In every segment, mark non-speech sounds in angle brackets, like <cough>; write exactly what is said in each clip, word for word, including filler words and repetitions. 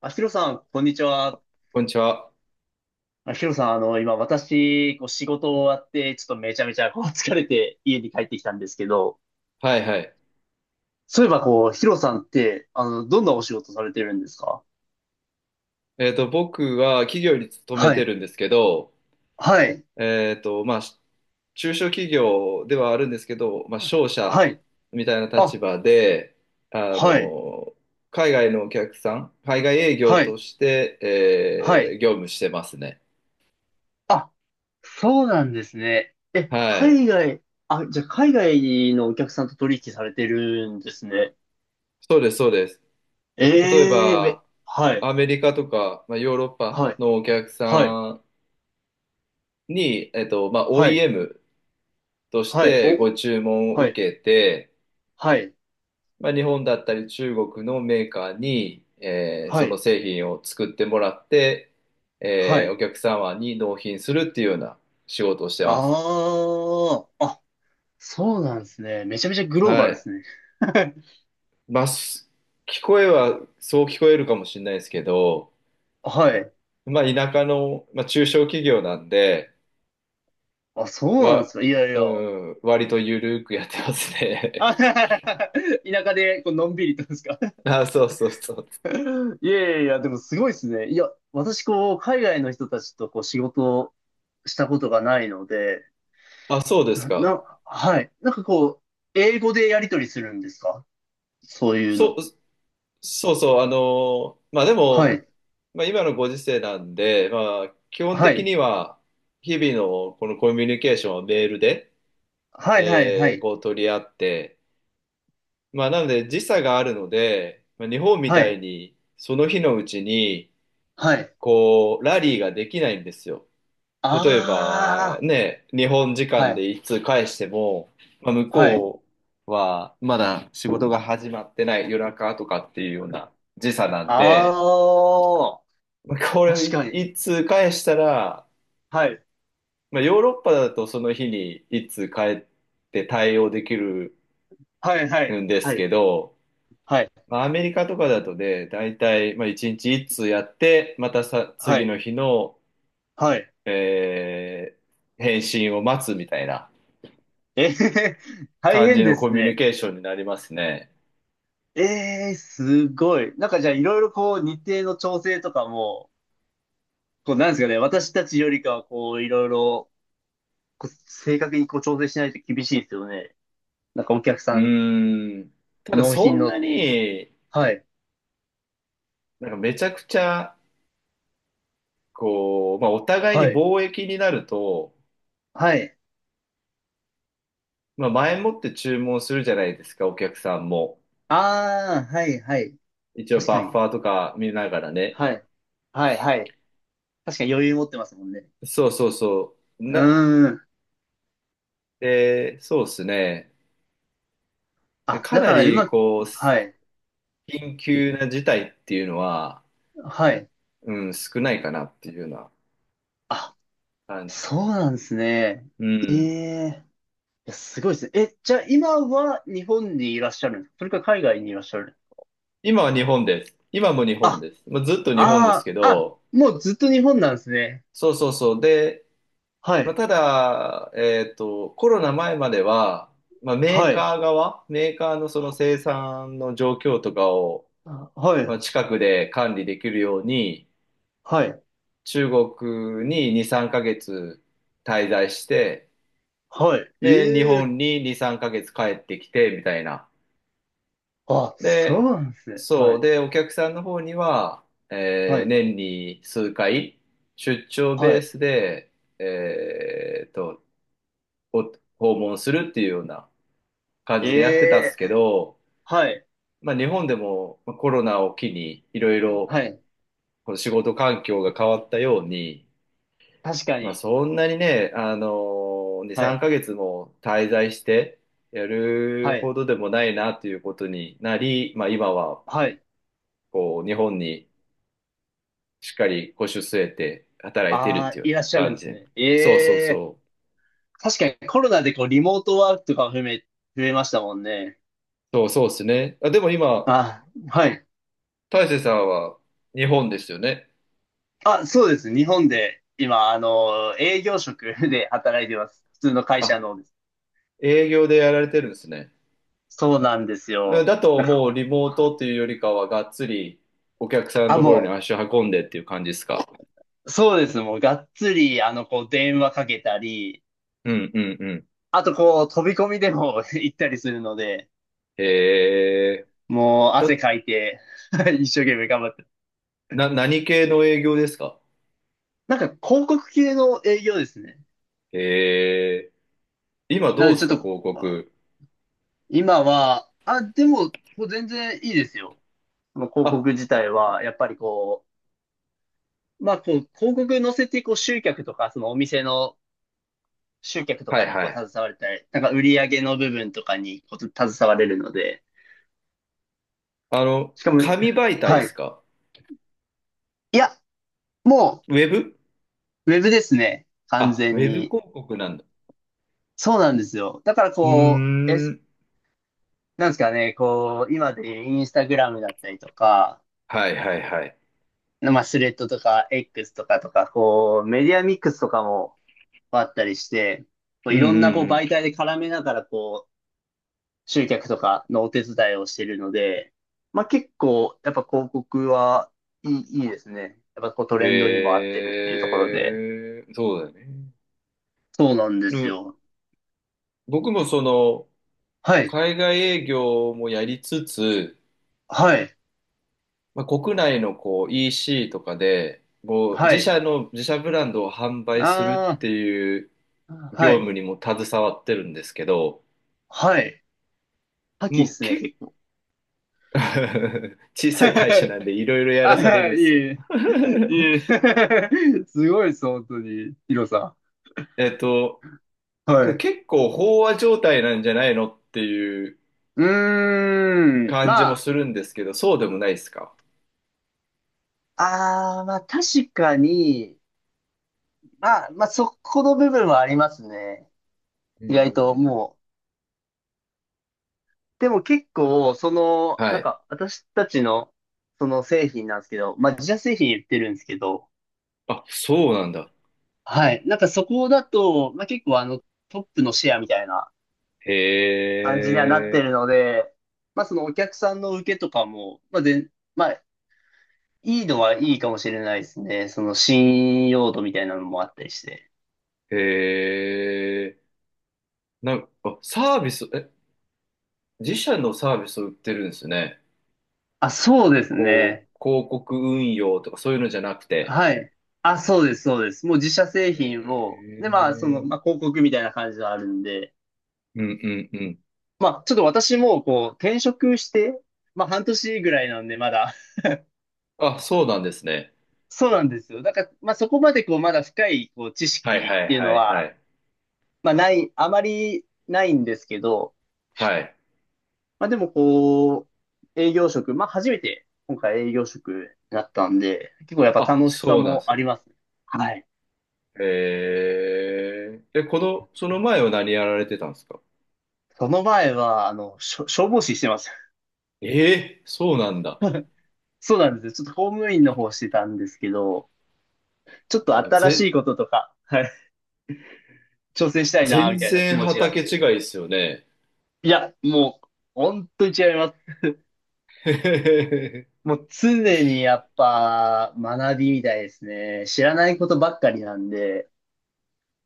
あ、ヒロさん、こんにちは。こんにちは。あ、ヒロさん、あの、今、私、こう、仕事終わって、ちょっとめちゃめちゃ、こう、疲れて家に帰ってきたんですけど、はいはい。そういえば、こう、ヒロさんって、あの、どんなお仕事されてるんですか？えっと、僕は企業に勤めはてい、るんですけど、はい、えっと、まあ、し中小企業ではあるんですけど、まあ、商社はい、みたいな立あ、場で、あはい、の、海外のお客さん、海外営業はとい、して、はえい。ー業務してますね。あ、そうなんですね。え、はい。海外、あ、じゃあ、海外のお客さんと取引されてるんですね。そうです、そうです。例えええめ、ば、はい、アメリカとか、まあ、ヨーロッパはい、のお客さはい、んに、えっと、まあ、はい、オーイーエム としはい、てお、ご注文をはい、受けて、はい。まあ、日本だったり中国のメーカーに、えーはそのい。製品を作ってもらって、はえーおい。客様に納品するっていうような仕事をしてます。ああ、あ、そうなんですね。めちゃめちゃグローはバルでい。すね。<laughs> まあ、す聞こえはそう聞こえるかもしれないですけど、はい。まあ、田舎の、まあ、中小企業なんで、あ、そうなんでわ、すか。いやいうや。ん、割とゆるくやってますね。あ <laughs> 田舎でこうのんびりとですか？<laughs> あ、そうそうそう。<laughs> いやいやいや、でもすごいですね。いや、私こう、海外の人たちとこう、仕事をしたことがないので、あ、そうですな、か。なはい。なんかこう、英語でやり取りするんですか？そういうそ、の。そうそう、あの、まあではも、い。まあ今のご時世なんで、まあ基本は的い。には日々のこのコミュニケーションはメールで、はいはいはえーい。こう取り合って、まあなので時差があるので、まあ、日本みはたいい。にその日のうちにはい。こうラリーができないんですよ。例えばあね、日本時あ。は間い。でいつ返しても、まあ、向はい。こうはまだ仕事が始まってない夜中とかっていうような時差なんで、あこあ、確れかに。一通返したら、はい。まあ、ヨーロッパだとその日に一通返って対応できるはい、はい、んではすい、けど、はい、まあ、アメリカとかだとね、大体、まあ、一日一通やって、またさ、は次い、の日の、はい。えー返信を待つみたいなえへへ、大感じ変でのコすミュニね。ケーションになりますね。ええ、すごい。なんかじゃあいろいろこう日程の調整とかも、こうなんですかね、私たちよりかはこういろいろこう正確にこう調整しないと厳しいですよね。なんかお客うさん、ーん。ただ納そ品んの。なに、はい、なんかめちゃくちゃ、こう、まあ、お互いはにい、貿易になると、はい。まあ、前もって注文するじゃないですか、お客さんも。ああ、はい、はい。一応確かバッフに。ァーとか見ながらね。はい、はい、はい。確かに余裕持ってますもんね。そうそうそう。うな、ーん。えーそうですね。あ、かだなからうり、まく、こう、はい、緊急な事態っていうのは、はい。うん、少ないかなっていうようなあ、感じかそな。うなんですね。うえん。え、いやすごいですね。え、じゃあ今は日本にいらっしゃるんですか？それか海外にいらっしゃる。今は日本です。今も日本あ、です。まあ、ずっと日本ですあけあ、あ、ど、もうずっと日本なんですね。そうそうそう。で、はまあ、い、ただ、えっと、コロナ前までは、まあ、メーはい、カー側、メーカーのそのは生産の状況とかを、はまあい、近くで管理できるように、はい、中国にに、さんかげつ滞在して、はい。えで、日本え、にに、さんかげつ帰ってきて、みたいな。あ、そうで、なんですね。はそう。い、で、お客さんの方には、はえーい、年に数回、出張はベーい。スで、えーと、お訪問するっていうような感えじでやってたんですえ、けど、はい、まあ、日本でもまあコロナを機に、いろいろはい。この仕事環境が変わったように、確かまあ、に。そんなにね、あのに、は3い、ヶ月も滞在してやるはい、ほどでもないなということになり、まあ、今ははい。こう日本にしっかり腰を据えて働いてるあってあ、いうよういならっしゃるん感ですじ。ね。そうそうええ。そう。確かにコロナでこうリモートワークとか増え、増えましたもんね。そうそうですね。あ、でも今、あ、はい。大勢さんは日本ですよね。あ、そうです。日本で今、あの、営業職で働いてます。普通の会社あ、のです。営業でやられてるんですね。そうなんですうんよ。だとなんもか、うリモートっていうよりかはがっつりお客さんのあ、ところにも足を運んでっていう感じですか？う、そうです。もう、がっつり、あの、こう、電話かけたり、うんうんうん。あと、こう、飛び込みでも <laughs> 行ったりするので、へえ。もう、汗だ、かいて <laughs> 一生懸命頑張って。な、何系の営業ですか？なんか、広告系の営業ですね。えー、今などのうで、でちょすっか、と、広告？今は、あ、でも、もう全然いいですよ。その広告あ、自体は、やっぱりこう、まあこう、広告載せて、こう、集客とか、そのお店の集客とはいかにこはう、い。携われたり、なんか売り上げの部分とかにこう、携われるので、あの、しかも、紙媒体ではすい。か？いや、もウェブ？う、ウェブですね。完あ、ウ全ェブに。広告なんだ。そうなんですよ。だからうーこう、え、ん。なんですかね、こう、今でインスタグラムだったりとか、はいはいはい。まあ、スレッドとか、エックス とかとか、こう、メディアミックスとかも、あったりして、こううんいろんなこううん媒体で絡めながらこう集客とかのお手伝いをしているので、まあ結構やっぱ広告はいい、いいですね。やっぱこうトうん。レンドにも合ってるっていうところで。えー、そうだね。そうなんでうすん、よ。僕もその、はい。海外営業もやりつつ、はい。まあ、国内のこう イーシー とかで、こうは自い。社の自社ブランドを販売するっあていうあ、は業い。務にも携わってるんですけど、はい。覇気っもうすね、結構 結構。<laughs> 小さい会社なん <laughs> でいろいろやらあされるー、んでいすよ。えい <laughs> え。いえ。<laughs> すごいです、本当に、ヒロさえっと、ん。はけどい。結構飽和状態なんじゃないのっていううーん。感じまもあ、するんですけど、そうでもないですか？ああ、まあ確かに、まあ、まあそこの部分はありますね。うんう意外んとうん。もう。でも結構、その、はなんい。か私たちの、その製品なんですけど、まあ自社製品言ってるんですけど、あ、そうなんだ。はい。なんかそこだと、まあ結構あのトップのシェアみたいなへ感じにはなってえ、るので、まあそのお客さんの受けとかも、まあ全、まあいいのはいいかもしれないですね。その信用度みたいなのもあったりして。へえ。なんか、あ、サービス、え、自社のサービスを売ってるんですね。あ、そうですこね。う、広告運用とかそういうのじゃなくて。はい。あ、そうです、そうです。もう自社製へ品を、で、まあ、その、え。まあ、広告みたいな感じがあるんで、うんうんうん。まあ、ちょっと私も、こう、転職して、まあ、はんとしぐらいなんで、まだ。あ、そうなんですね。<laughs> そうなんですよ。だから、まあ、そこまで、こう、まだ深い、こう、知はい識はっいていうのはいはは、い。まあ、ない、あまりないんですけど、はい。まあ、でも、こう、営業職、まあ、初めて、今回営業職だったんで、結構やっぱあ、楽しさそうなんでもすあね。りますね。はい。へえ。で、この、その前は何やられてたんですか？その前は、あの、しょ消防士してます。ええ、そうなんだ。そうなんですよ。ちょっと公務員の方してたんですけど、ちょっとあの、新しぜ、いこととか、はい、挑戦したいな、全みたいな気然持ちがあっ畑違て。いですよね。いや、もう、本当に違います。へへへへ。もう常にやっぱ学びみたいですね。知らないことばっかりなんで、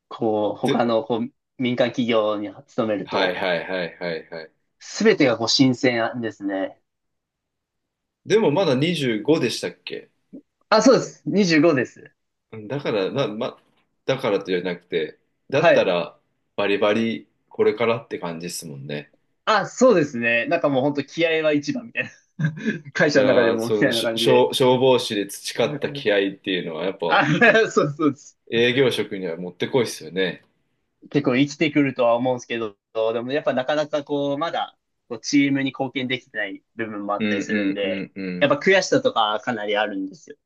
こう、他で、のこう民間企業に勤めるはいと、はいはいはいはい。すべてがこう新鮮ですね。でもまだにじゅうごでしたっけ？あ、そうです。にじゅうごです。うんだから、な、ま、だからとじゃなくて、だっはたい。ら、バリバリ、これからって感じですもんね。あ、そうですね。なんかもう本当気合は一番みたいな。<laughs> 会い社やの中でー、もみそたの、いなしょ、感じで。消消防士で培った気合っていうのは、やっあ、ぱ、<laughs> そうそうです。営業職にはもってこいっすよね。結構生きてくるとは思うんですけど、でもやっぱなかなかこう、まだこうチームに貢献できてない部分もあうったんりすうるんんうで、んうやん。っぱ悔しさとかかなりあるんですよ。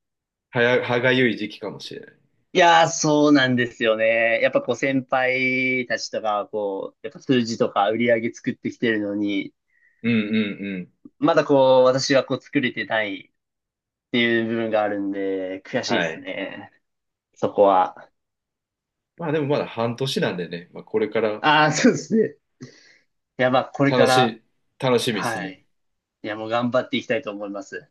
はや、歯がゆい時期かもしれない。いやー、そうなんですよね。やっぱこう先輩たちとか、こう、やっぱ数字とか売り上げ作ってきてるのに、うんうんうん。まだこう、私はこう作れてないっていう部分があるんで、悔しいではすい。ね。そこは。まあでもまだ半年なんでね、まあこれからああ、そうですね。いや、まあ、これか楽ら、し、楽しみですはね。い。いや、もう頑張っていきたいと思います。